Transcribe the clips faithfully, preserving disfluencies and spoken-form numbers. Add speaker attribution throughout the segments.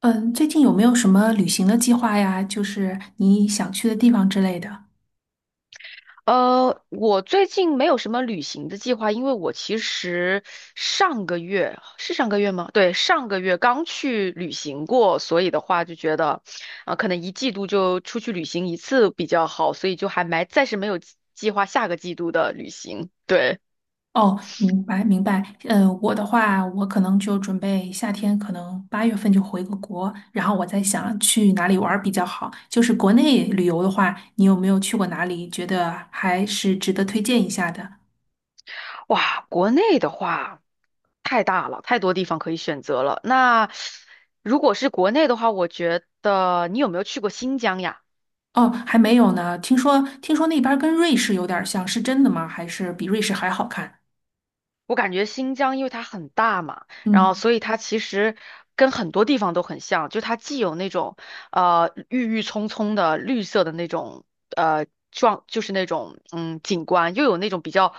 Speaker 1: 嗯，最近有没有什么旅行的计划呀？就是你想去的地方之类的。
Speaker 2: 呃，我最近没有什么旅行的计划，因为我其实上个月是上个月吗？对，上个月刚去旅行过，所以的话就觉得，啊、可能一季度就出去旅行一次比较好，所以就还没暂时没有计计划下个季度的旅行。对，
Speaker 1: 哦，明白明白。嗯，我的话，我可能就准备夏天，可能八月份就回个国，然后我在想去哪里玩儿比较好。就是国内旅游的话，你有没有去过哪里？觉得还是值得推荐一下的？
Speaker 2: 哇，国内的话太大了，太多地方可以选择了。那如果是国内的话，我觉得你有没有去过新疆呀？
Speaker 1: 哦，还没有呢。听说听说那边儿跟瑞士有点儿像，是真的吗？还是比瑞士还好看？
Speaker 2: 我感觉新疆因为它很大嘛，然后
Speaker 1: 嗯。
Speaker 2: 所以它其实跟很多地方都很像，就它既有那种呃郁郁葱葱的绿色的那种呃状，就是那种嗯景观，又有那种比较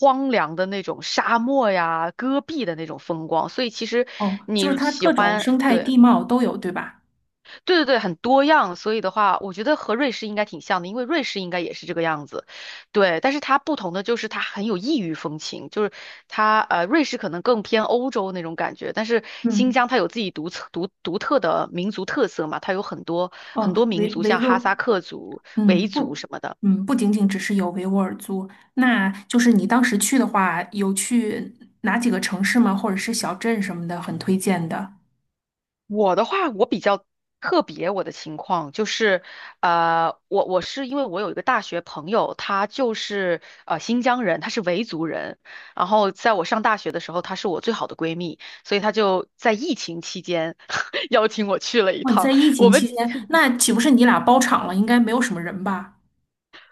Speaker 2: 荒凉的那种沙漠呀、戈壁的那种风光，所以其实
Speaker 1: 哦，就是
Speaker 2: 你
Speaker 1: 它
Speaker 2: 喜
Speaker 1: 各种
Speaker 2: 欢，
Speaker 1: 生态
Speaker 2: 对。
Speaker 1: 地貌都有，对吧？
Speaker 2: 对对对，很多样，所以的话，我觉得和瑞士应该挺像的，因为瑞士应该也是这个样子，对。但是它不同的就是它很有异域风情，就是它呃，瑞士可能更偏欧洲那种感觉，但是新
Speaker 1: 嗯。
Speaker 2: 疆它有自己独特独独特的民族特色嘛，它有很多很
Speaker 1: 哦，
Speaker 2: 多民
Speaker 1: 维
Speaker 2: 族，
Speaker 1: 维
Speaker 2: 像哈
Speaker 1: 吾，
Speaker 2: 萨克族、
Speaker 1: 嗯，
Speaker 2: 维族
Speaker 1: 不，
Speaker 2: 什么的。
Speaker 1: 嗯，不仅仅只是有维吾尔族。那就是你当时去的话，有去哪几个城市吗？或者是小镇什么的，很推荐的。
Speaker 2: 我的话，我比较特别，我的情况就是，呃，我我是因为我有一个大学朋友，他就是呃新疆人，他是维族人，然后在我上大学的时候，她是我最好的闺蜜，所以她就在疫情期间 邀请我去了一
Speaker 1: 哇，你在
Speaker 2: 趟，
Speaker 1: 疫
Speaker 2: 我
Speaker 1: 情期
Speaker 2: 们。
Speaker 1: 间，那岂不是你俩包场了？应该没有什么人吧？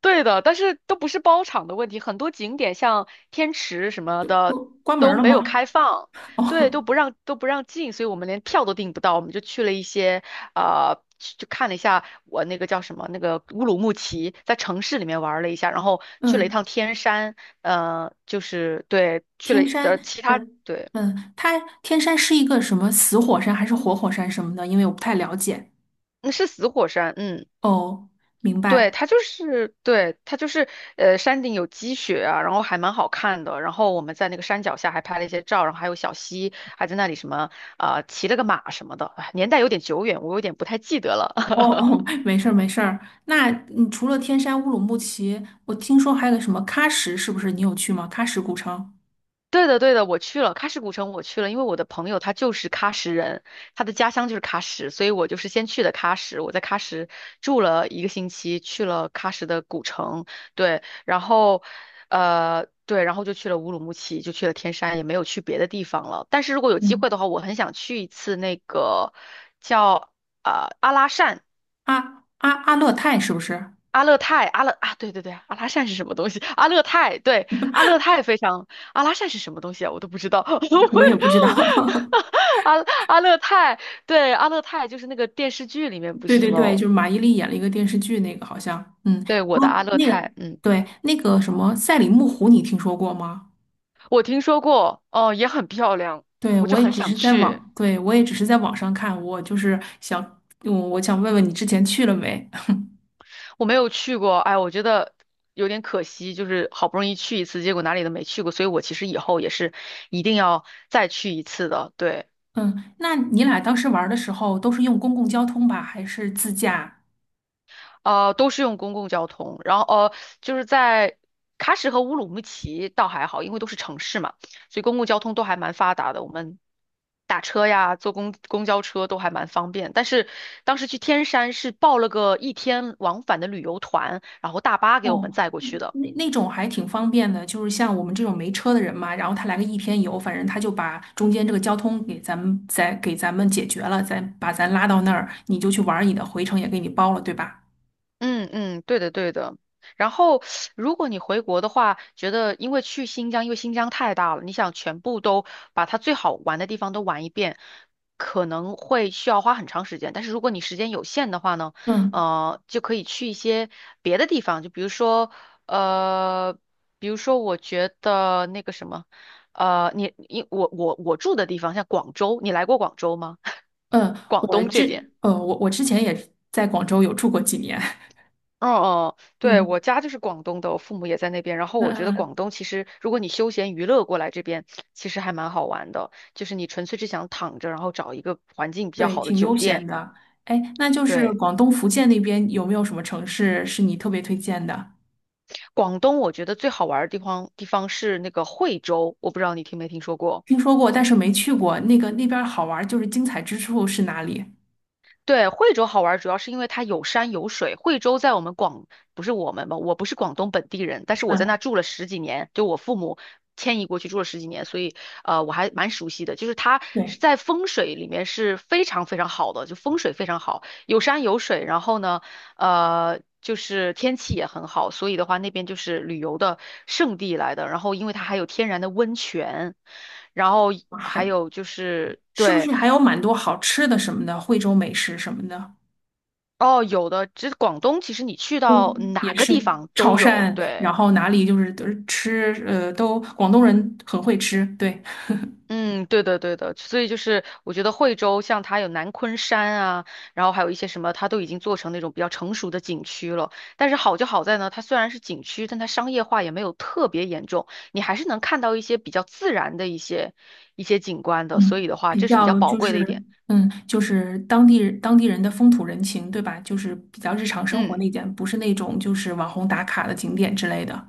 Speaker 2: 对的，但是都不是包场的问题，很多景点像天池什么的
Speaker 1: 关
Speaker 2: 都
Speaker 1: 门了
Speaker 2: 没有
Speaker 1: 吗？
Speaker 2: 开放，对，都不让都不让进，所以我们连票都订不到，我们就去了一些呃，去就看了一下我那个叫什么那个乌鲁木齐，在城市里面玩了一下，然后去了一
Speaker 1: 嗯，
Speaker 2: 趟天山，呃，就是对，去了
Speaker 1: 天山。
Speaker 2: 的其他
Speaker 1: 嗯
Speaker 2: 对，
Speaker 1: 嗯，它天山是一个什么死火山还是活火山什么的？因为我不太了解。
Speaker 2: 那是死火山，嗯。
Speaker 1: 哦，明
Speaker 2: 对，
Speaker 1: 白。
Speaker 2: 它就是，对，它就是，呃，山顶有积雪啊，然后还蛮好看的。然后我们在那个山脚下还拍了一些照，然后还有小溪，还在那里什么，啊、呃骑了个马什么的。哎年代有点久远，我有点不太记得了。
Speaker 1: 哦 哦，没事儿没事儿。那你除了天山乌鲁木齐，我听说还有个什么喀什，是不是你有去吗？喀什古城。
Speaker 2: 对的，对的，我去了喀什古城，我去了，因为我的朋友他就是喀什人，他的家乡就是喀什，所以我就是先去的喀什，我在喀什住了一个星期，去了喀什的古城，对，然后，呃，对，然后就去了乌鲁木齐，就去了天山，也没有去别的地方了。但是如果有机
Speaker 1: 嗯，
Speaker 2: 会的话，我很想去一次那个叫呃阿拉善。
Speaker 1: 阿阿阿勒泰是不是？
Speaker 2: 阿勒泰，阿勒啊，对对对，阿拉善是什么东西？阿勒泰，对，阿勒泰非常，阿拉善是什么东西啊？我都不知道。我
Speaker 1: 我也不知道。
Speaker 2: 阿阿勒泰，对，阿勒泰就是那个电视剧里面不
Speaker 1: 对
Speaker 2: 是什
Speaker 1: 对对，
Speaker 2: 么，
Speaker 1: 就是马伊琍演了一个电视剧，那个好像，嗯，然
Speaker 2: 对，我
Speaker 1: 后
Speaker 2: 的阿勒
Speaker 1: 那个
Speaker 2: 泰，嗯，
Speaker 1: 对那个什么赛里木湖，你听说过吗？
Speaker 2: 我听说过，哦，也很漂亮，
Speaker 1: 对，
Speaker 2: 我就
Speaker 1: 我也
Speaker 2: 很
Speaker 1: 只是
Speaker 2: 想
Speaker 1: 在
Speaker 2: 去，
Speaker 1: 网，对我也只是在网上看，我就是想，我我想问问你之前去了没？
Speaker 2: 我没有去过，哎，我觉得有点可惜，就是好不容易去一次，结果哪里都没去过，所以我其实以后也是一定要再去一次的，对。
Speaker 1: 嗯，那你俩当时玩儿的时候都是用公共交通吧，还是自驾？
Speaker 2: 呃，都是用公共交通，然后呃，就是在喀什和乌鲁木齐倒还好，因为都是城市嘛，所以公共交通都还蛮发达的。我们打车呀，坐公公交车都还蛮方便。但是当时去天山是报了个一天往返的旅游团，然后大巴给我
Speaker 1: 哦，
Speaker 2: 们载过去
Speaker 1: 嗯
Speaker 2: 的。
Speaker 1: 那那种还挺方便的，就是像我们这种没车的人嘛，然后他来个一天游，反正他就把中间这个交通给咱们再给咱们解决了，再把咱拉到那儿，你就去玩儿你的，回程也给你包了，对吧？
Speaker 2: 嗯嗯，对的对的。然后，如果你回国的话，觉得因为去新疆，因为新疆太大了，你想全部都把它最好玩的地方都玩一遍，可能会需要花很长时间。但是如果你时间有限的话呢，
Speaker 1: 嗯
Speaker 2: 呃，就可以去一些别的地方，就比如说，呃，比如说我觉得那个什么，呃，你你我我我住的地方像广州，你来过广州吗？
Speaker 1: 嗯，
Speaker 2: 广
Speaker 1: 我
Speaker 2: 东这
Speaker 1: 这
Speaker 2: 边。
Speaker 1: 呃，我我之前也在广州有住过几年。
Speaker 2: 哦哦，对，
Speaker 1: 嗯
Speaker 2: 我家就是广东的，我父母也在那边。然后
Speaker 1: 嗯
Speaker 2: 我觉得广
Speaker 1: 嗯，
Speaker 2: 东其实，如果你休闲娱乐过来这边，其实还蛮好玩的。就是你纯粹是想躺着，然后找一个环境比较
Speaker 1: 对，
Speaker 2: 好的
Speaker 1: 挺悠
Speaker 2: 酒
Speaker 1: 闲
Speaker 2: 店。
Speaker 1: 的。哎，那就是
Speaker 2: 对，
Speaker 1: 广东福建那边有没有什么城市是你特别推荐的？
Speaker 2: 广东我觉得最好玩儿的地方地方是那个惠州，我不知道你听没听说过。
Speaker 1: 听说过，但是没去过，那个那边儿好玩儿就是精彩之处是哪里？
Speaker 2: 对，惠州好玩，主要是因为它有山有水。惠州在我们广，不是我们吧？我不是广东本地人，但是我在那
Speaker 1: 嗯
Speaker 2: 住了十几年，就我父母迁移过去住了十几年，所以呃我还蛮熟悉的。就是它
Speaker 1: 对，
Speaker 2: 是在风水里面是非常非常好的，就风水非常好，有山有水。然后呢，呃，就是天气也很好，所以的话那边就是旅游的圣地来的。然后因为它还有天然的温泉，然后还
Speaker 1: 还
Speaker 2: 有就是
Speaker 1: 是不
Speaker 2: 对。
Speaker 1: 是还有蛮多好吃的什么的，惠州美食什么的？
Speaker 2: 哦，有的，这广东其实你去
Speaker 1: 嗯，
Speaker 2: 到哪
Speaker 1: 也
Speaker 2: 个
Speaker 1: 是
Speaker 2: 地方
Speaker 1: 潮
Speaker 2: 都有，
Speaker 1: 汕，然
Speaker 2: 对，
Speaker 1: 后哪里就是都是吃，呃，都广东人很会吃。对，
Speaker 2: 嗯，对的，对的，所以就是我觉得惠州像它有南昆山啊，然后还有一些什么，它都已经做成那种比较成熟的景区了。但是好就好在呢，它虽然是景区，但它商业化也没有特别严重，你还是能看到一些比较自然的一些一些景观的，所
Speaker 1: 嗯，
Speaker 2: 以的话，
Speaker 1: 比
Speaker 2: 这是比较
Speaker 1: 较
Speaker 2: 宝
Speaker 1: 就
Speaker 2: 贵的一
Speaker 1: 是，
Speaker 2: 点。
Speaker 1: 嗯，就是当地当地人的风土人情，对吧？就是比较日常生活
Speaker 2: 嗯。
Speaker 1: 那点，不是那种就是网红打卡的景点之类的。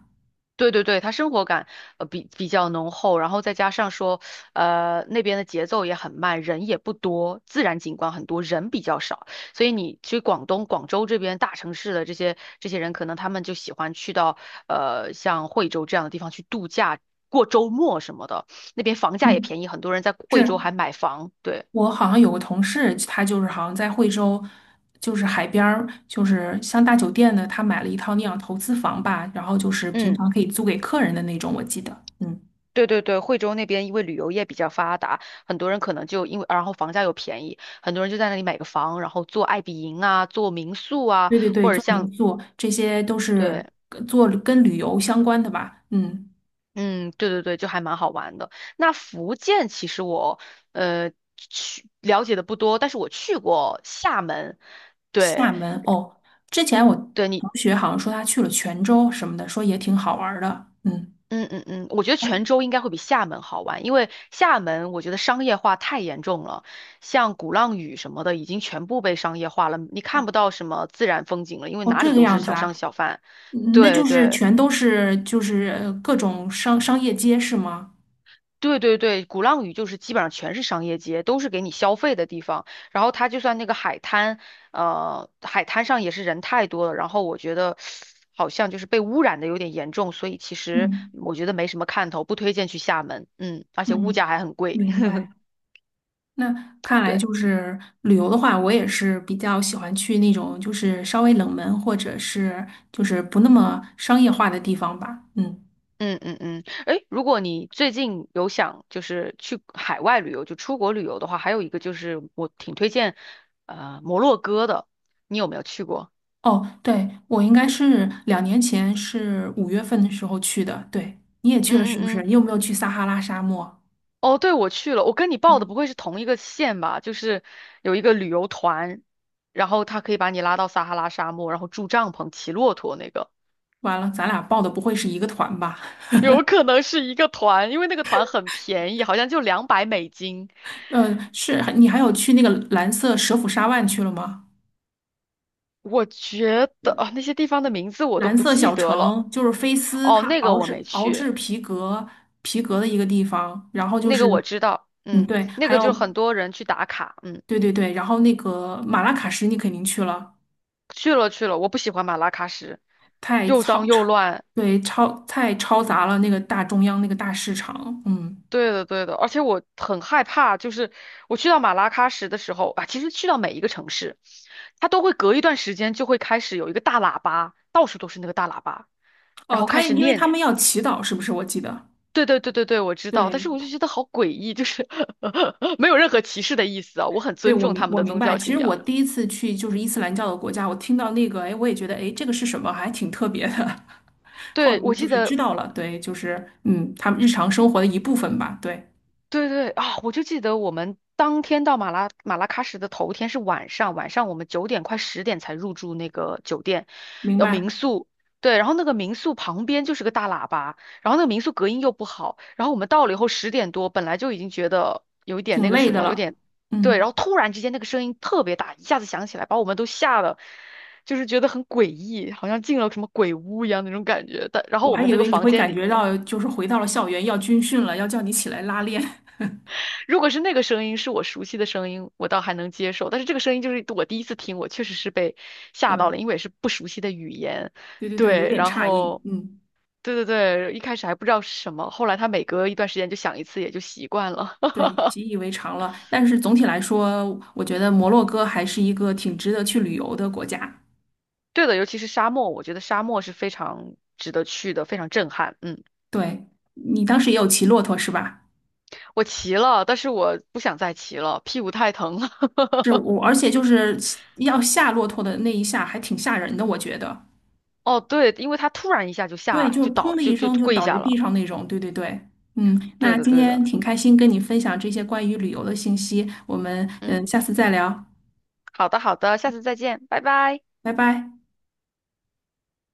Speaker 2: 对对对，他生活感呃比比较浓厚，然后再加上说，呃那边的节奏也很慢，人也不多，自然景观很多，人比较少，所以你去广东广州这边大城市的这些这些人，可能他们就喜欢去到呃像惠州这样的地方去度假，过周末什么的，那边房价也
Speaker 1: 嗯，
Speaker 2: 便宜，很多人在惠
Speaker 1: 是，
Speaker 2: 州还买房，对，
Speaker 1: 我好像有个同事，他就是好像在惠州，就是海边儿，就是像大酒店的，他买了一套那样投资房吧，然后就是平
Speaker 2: 嗯。
Speaker 1: 常可以租给客人的那种，我记得。嗯，
Speaker 2: 对对对，惠州那边因为旅游业比较发达，很多人可能就因为，然后房价又便宜，很多人就在那里买个房，然后做爱彼迎啊，做民宿啊，
Speaker 1: 对对对，
Speaker 2: 或者
Speaker 1: 做
Speaker 2: 像，
Speaker 1: 民宿这些都
Speaker 2: 对，
Speaker 1: 是跟做跟旅游相关的吧。嗯，
Speaker 2: 嗯，对对对，就还蛮好玩的。那福建其实我呃去了解的不多，但是我去过厦门，对。
Speaker 1: 厦门哦，之前我
Speaker 2: 对，你。
Speaker 1: 同学好像说他去了泉州什么的，说也挺好玩儿的。嗯，
Speaker 2: 嗯嗯嗯，我觉得泉州应该会比厦门好玩，因为厦门我觉得商业化太严重了，像鼓浪屿什么的已经全部被商业化了，你看不到什么自然风景了，因为
Speaker 1: 哦，
Speaker 2: 哪
Speaker 1: 这
Speaker 2: 里
Speaker 1: 个
Speaker 2: 都是
Speaker 1: 样子
Speaker 2: 小
Speaker 1: 啊，
Speaker 2: 商小贩。
Speaker 1: 嗯那
Speaker 2: 对
Speaker 1: 就是
Speaker 2: 对
Speaker 1: 全都是就是呃各种商商业街是吗？
Speaker 2: 对对对，鼓浪屿就是基本上全是商业街，都是给你消费的地方。然后它就算那个海滩，呃，海滩上也是人太多了，然后我觉得好像就是被污染的有点严重，所以其实
Speaker 1: 嗯
Speaker 2: 我觉得没什么看头，不推荐去厦门。嗯，而且物
Speaker 1: 嗯。
Speaker 2: 价还很贵。
Speaker 1: 明 白。那看来
Speaker 2: 对，
Speaker 1: 就是旅游的话，我也是比较喜欢去那种就是稍微冷门或者是就是不那么商业化的地方吧。嗯，
Speaker 2: 嗯嗯嗯，哎，如果你最近有想就是去海外旅游，就出国旅游的话，还有一个就是我挺推荐，呃，摩洛哥的，你有没有去过？
Speaker 1: 哦，对，我应该是两年前是五月份的时候去的。对，你也去了
Speaker 2: 嗯
Speaker 1: 是
Speaker 2: 嗯
Speaker 1: 不是？
Speaker 2: 嗯，
Speaker 1: 你有没有去撒哈拉沙漠？
Speaker 2: 哦，对，我去了，我跟你报的不会是同一个县吧？就是有一个旅游团，然后他可以把你拉到撒哈拉沙漠，然后住帐篷、骑骆驼那个，
Speaker 1: 完了，咱俩报的不会是一个团吧？
Speaker 2: 有可能是一个团，因为那个团很便宜，好像就两百美金。
Speaker 1: 呃，是，你还有去那个蓝色蛇腹沙湾去了吗？
Speaker 2: 我觉得啊，那些地方的名字我都
Speaker 1: 蓝
Speaker 2: 不
Speaker 1: 色
Speaker 2: 记
Speaker 1: 小
Speaker 2: 得了。
Speaker 1: 城就是菲斯，
Speaker 2: 哦，
Speaker 1: 它
Speaker 2: 那个
Speaker 1: 熬
Speaker 2: 我没
Speaker 1: 制熬
Speaker 2: 去，
Speaker 1: 制皮革皮革的一个地方。然后就
Speaker 2: 那个
Speaker 1: 是，
Speaker 2: 我知道，
Speaker 1: 嗯，
Speaker 2: 嗯，
Speaker 1: 对，
Speaker 2: 那
Speaker 1: 还
Speaker 2: 个就
Speaker 1: 有
Speaker 2: 很多人去打卡，嗯，
Speaker 1: 对对对，然后那个马拉喀什你肯定去了，
Speaker 2: 去了去了，我不喜欢马拉喀什，
Speaker 1: 太
Speaker 2: 又脏
Speaker 1: 嘈
Speaker 2: 又
Speaker 1: 吵。
Speaker 2: 乱，
Speaker 1: 对，超太嘈杂了，那个大中央那个大市场。嗯，
Speaker 2: 对的对的，而且我很害怕，就是我去到马拉喀什的时候啊，其实去到每一个城市，它都会隔一段时间就会开始有一个大喇叭，到处都是那个大喇叭，然
Speaker 1: 哦，
Speaker 2: 后
Speaker 1: 他
Speaker 2: 开始
Speaker 1: 因为他
Speaker 2: 念。
Speaker 1: 们要祈祷，是不是？我记得。
Speaker 2: 对对对对对，我知道，但
Speaker 1: 对
Speaker 2: 是我就觉得好诡异，就是 没有任何歧视的意思啊，我很
Speaker 1: 对，
Speaker 2: 尊
Speaker 1: 我
Speaker 2: 重
Speaker 1: 明
Speaker 2: 他们
Speaker 1: 我
Speaker 2: 的
Speaker 1: 明
Speaker 2: 宗
Speaker 1: 白。
Speaker 2: 教
Speaker 1: 其
Speaker 2: 信
Speaker 1: 实我
Speaker 2: 仰。
Speaker 1: 第一次去就是伊斯兰教的国家，我听到那个，哎，我也觉得，哎，这个是什么？还挺特别的。后
Speaker 2: 对，我
Speaker 1: 来就
Speaker 2: 记
Speaker 1: 是知
Speaker 2: 得
Speaker 1: 道了，对，就是嗯，他们日常生活的一部分吧。对，
Speaker 2: 对对啊，我就记得我们当天到马拉马拉喀什的头天是晚上，晚上我们九点快十点才入住那个酒店，
Speaker 1: 明
Speaker 2: 要
Speaker 1: 白，
Speaker 2: 民宿。对，然后那个民宿旁边就是个大喇叭，然后那个民宿隔音又不好，然后我们到了以后十点多，本来就已经觉得有一点
Speaker 1: 挺
Speaker 2: 那个
Speaker 1: 累
Speaker 2: 什
Speaker 1: 的
Speaker 2: 么，有
Speaker 1: 了。
Speaker 2: 点对，
Speaker 1: 嗯，
Speaker 2: 然后突然之间那个声音特别大，一下子响起来，把我们都吓得，就是觉得很诡异，好像进了什么鬼屋一样那种感觉。但然
Speaker 1: 我
Speaker 2: 后我
Speaker 1: 还
Speaker 2: 们
Speaker 1: 以
Speaker 2: 那个
Speaker 1: 为你
Speaker 2: 房
Speaker 1: 会
Speaker 2: 间
Speaker 1: 感
Speaker 2: 里
Speaker 1: 觉
Speaker 2: 面。
Speaker 1: 到就是回到了校园要军训了，要叫你起来拉练。
Speaker 2: 如果是那个声音是我熟悉的声音，我倒还能接受。但是这个声音就是我第一次听，我确实是被 吓到了，
Speaker 1: 嗯，
Speaker 2: 因为也是不熟悉的语言。
Speaker 1: 对对对，有
Speaker 2: 对，
Speaker 1: 点
Speaker 2: 然
Speaker 1: 诧异。
Speaker 2: 后
Speaker 1: 嗯，
Speaker 2: 对对对，一开始还不知道是什么，后来他每隔一段时间就响一次，也就习惯了。
Speaker 1: 对，习以为常了，但是总体来说，我觉得摩洛哥还是一个挺值得去旅游的国家。
Speaker 2: 对的，尤其是沙漠，我觉得沙漠是非常值得去的，非常震撼。嗯，
Speaker 1: 对，你当时也有骑骆驼是吧？
Speaker 2: 我骑了，但是我不想再骑了，屁股太疼了。
Speaker 1: 是， 我，而且就是要下骆驼的那一下还挺吓人的，我觉得。
Speaker 2: 哦，对，因为他突然一下就
Speaker 1: 对，
Speaker 2: 下
Speaker 1: 就
Speaker 2: 就
Speaker 1: 是砰
Speaker 2: 倒
Speaker 1: 的
Speaker 2: 就
Speaker 1: 一
Speaker 2: 就
Speaker 1: 声就
Speaker 2: 跪
Speaker 1: 倒在
Speaker 2: 下
Speaker 1: 地
Speaker 2: 了。
Speaker 1: 上那种。对对对，嗯，那
Speaker 2: 对的，
Speaker 1: 今
Speaker 2: 对
Speaker 1: 天
Speaker 2: 的。
Speaker 1: 挺开心跟你分享这些关于旅游的信息，我们
Speaker 2: 嗯，
Speaker 1: 嗯下次再聊，
Speaker 2: 好的，好的，下次再见，拜拜。
Speaker 1: 拜拜。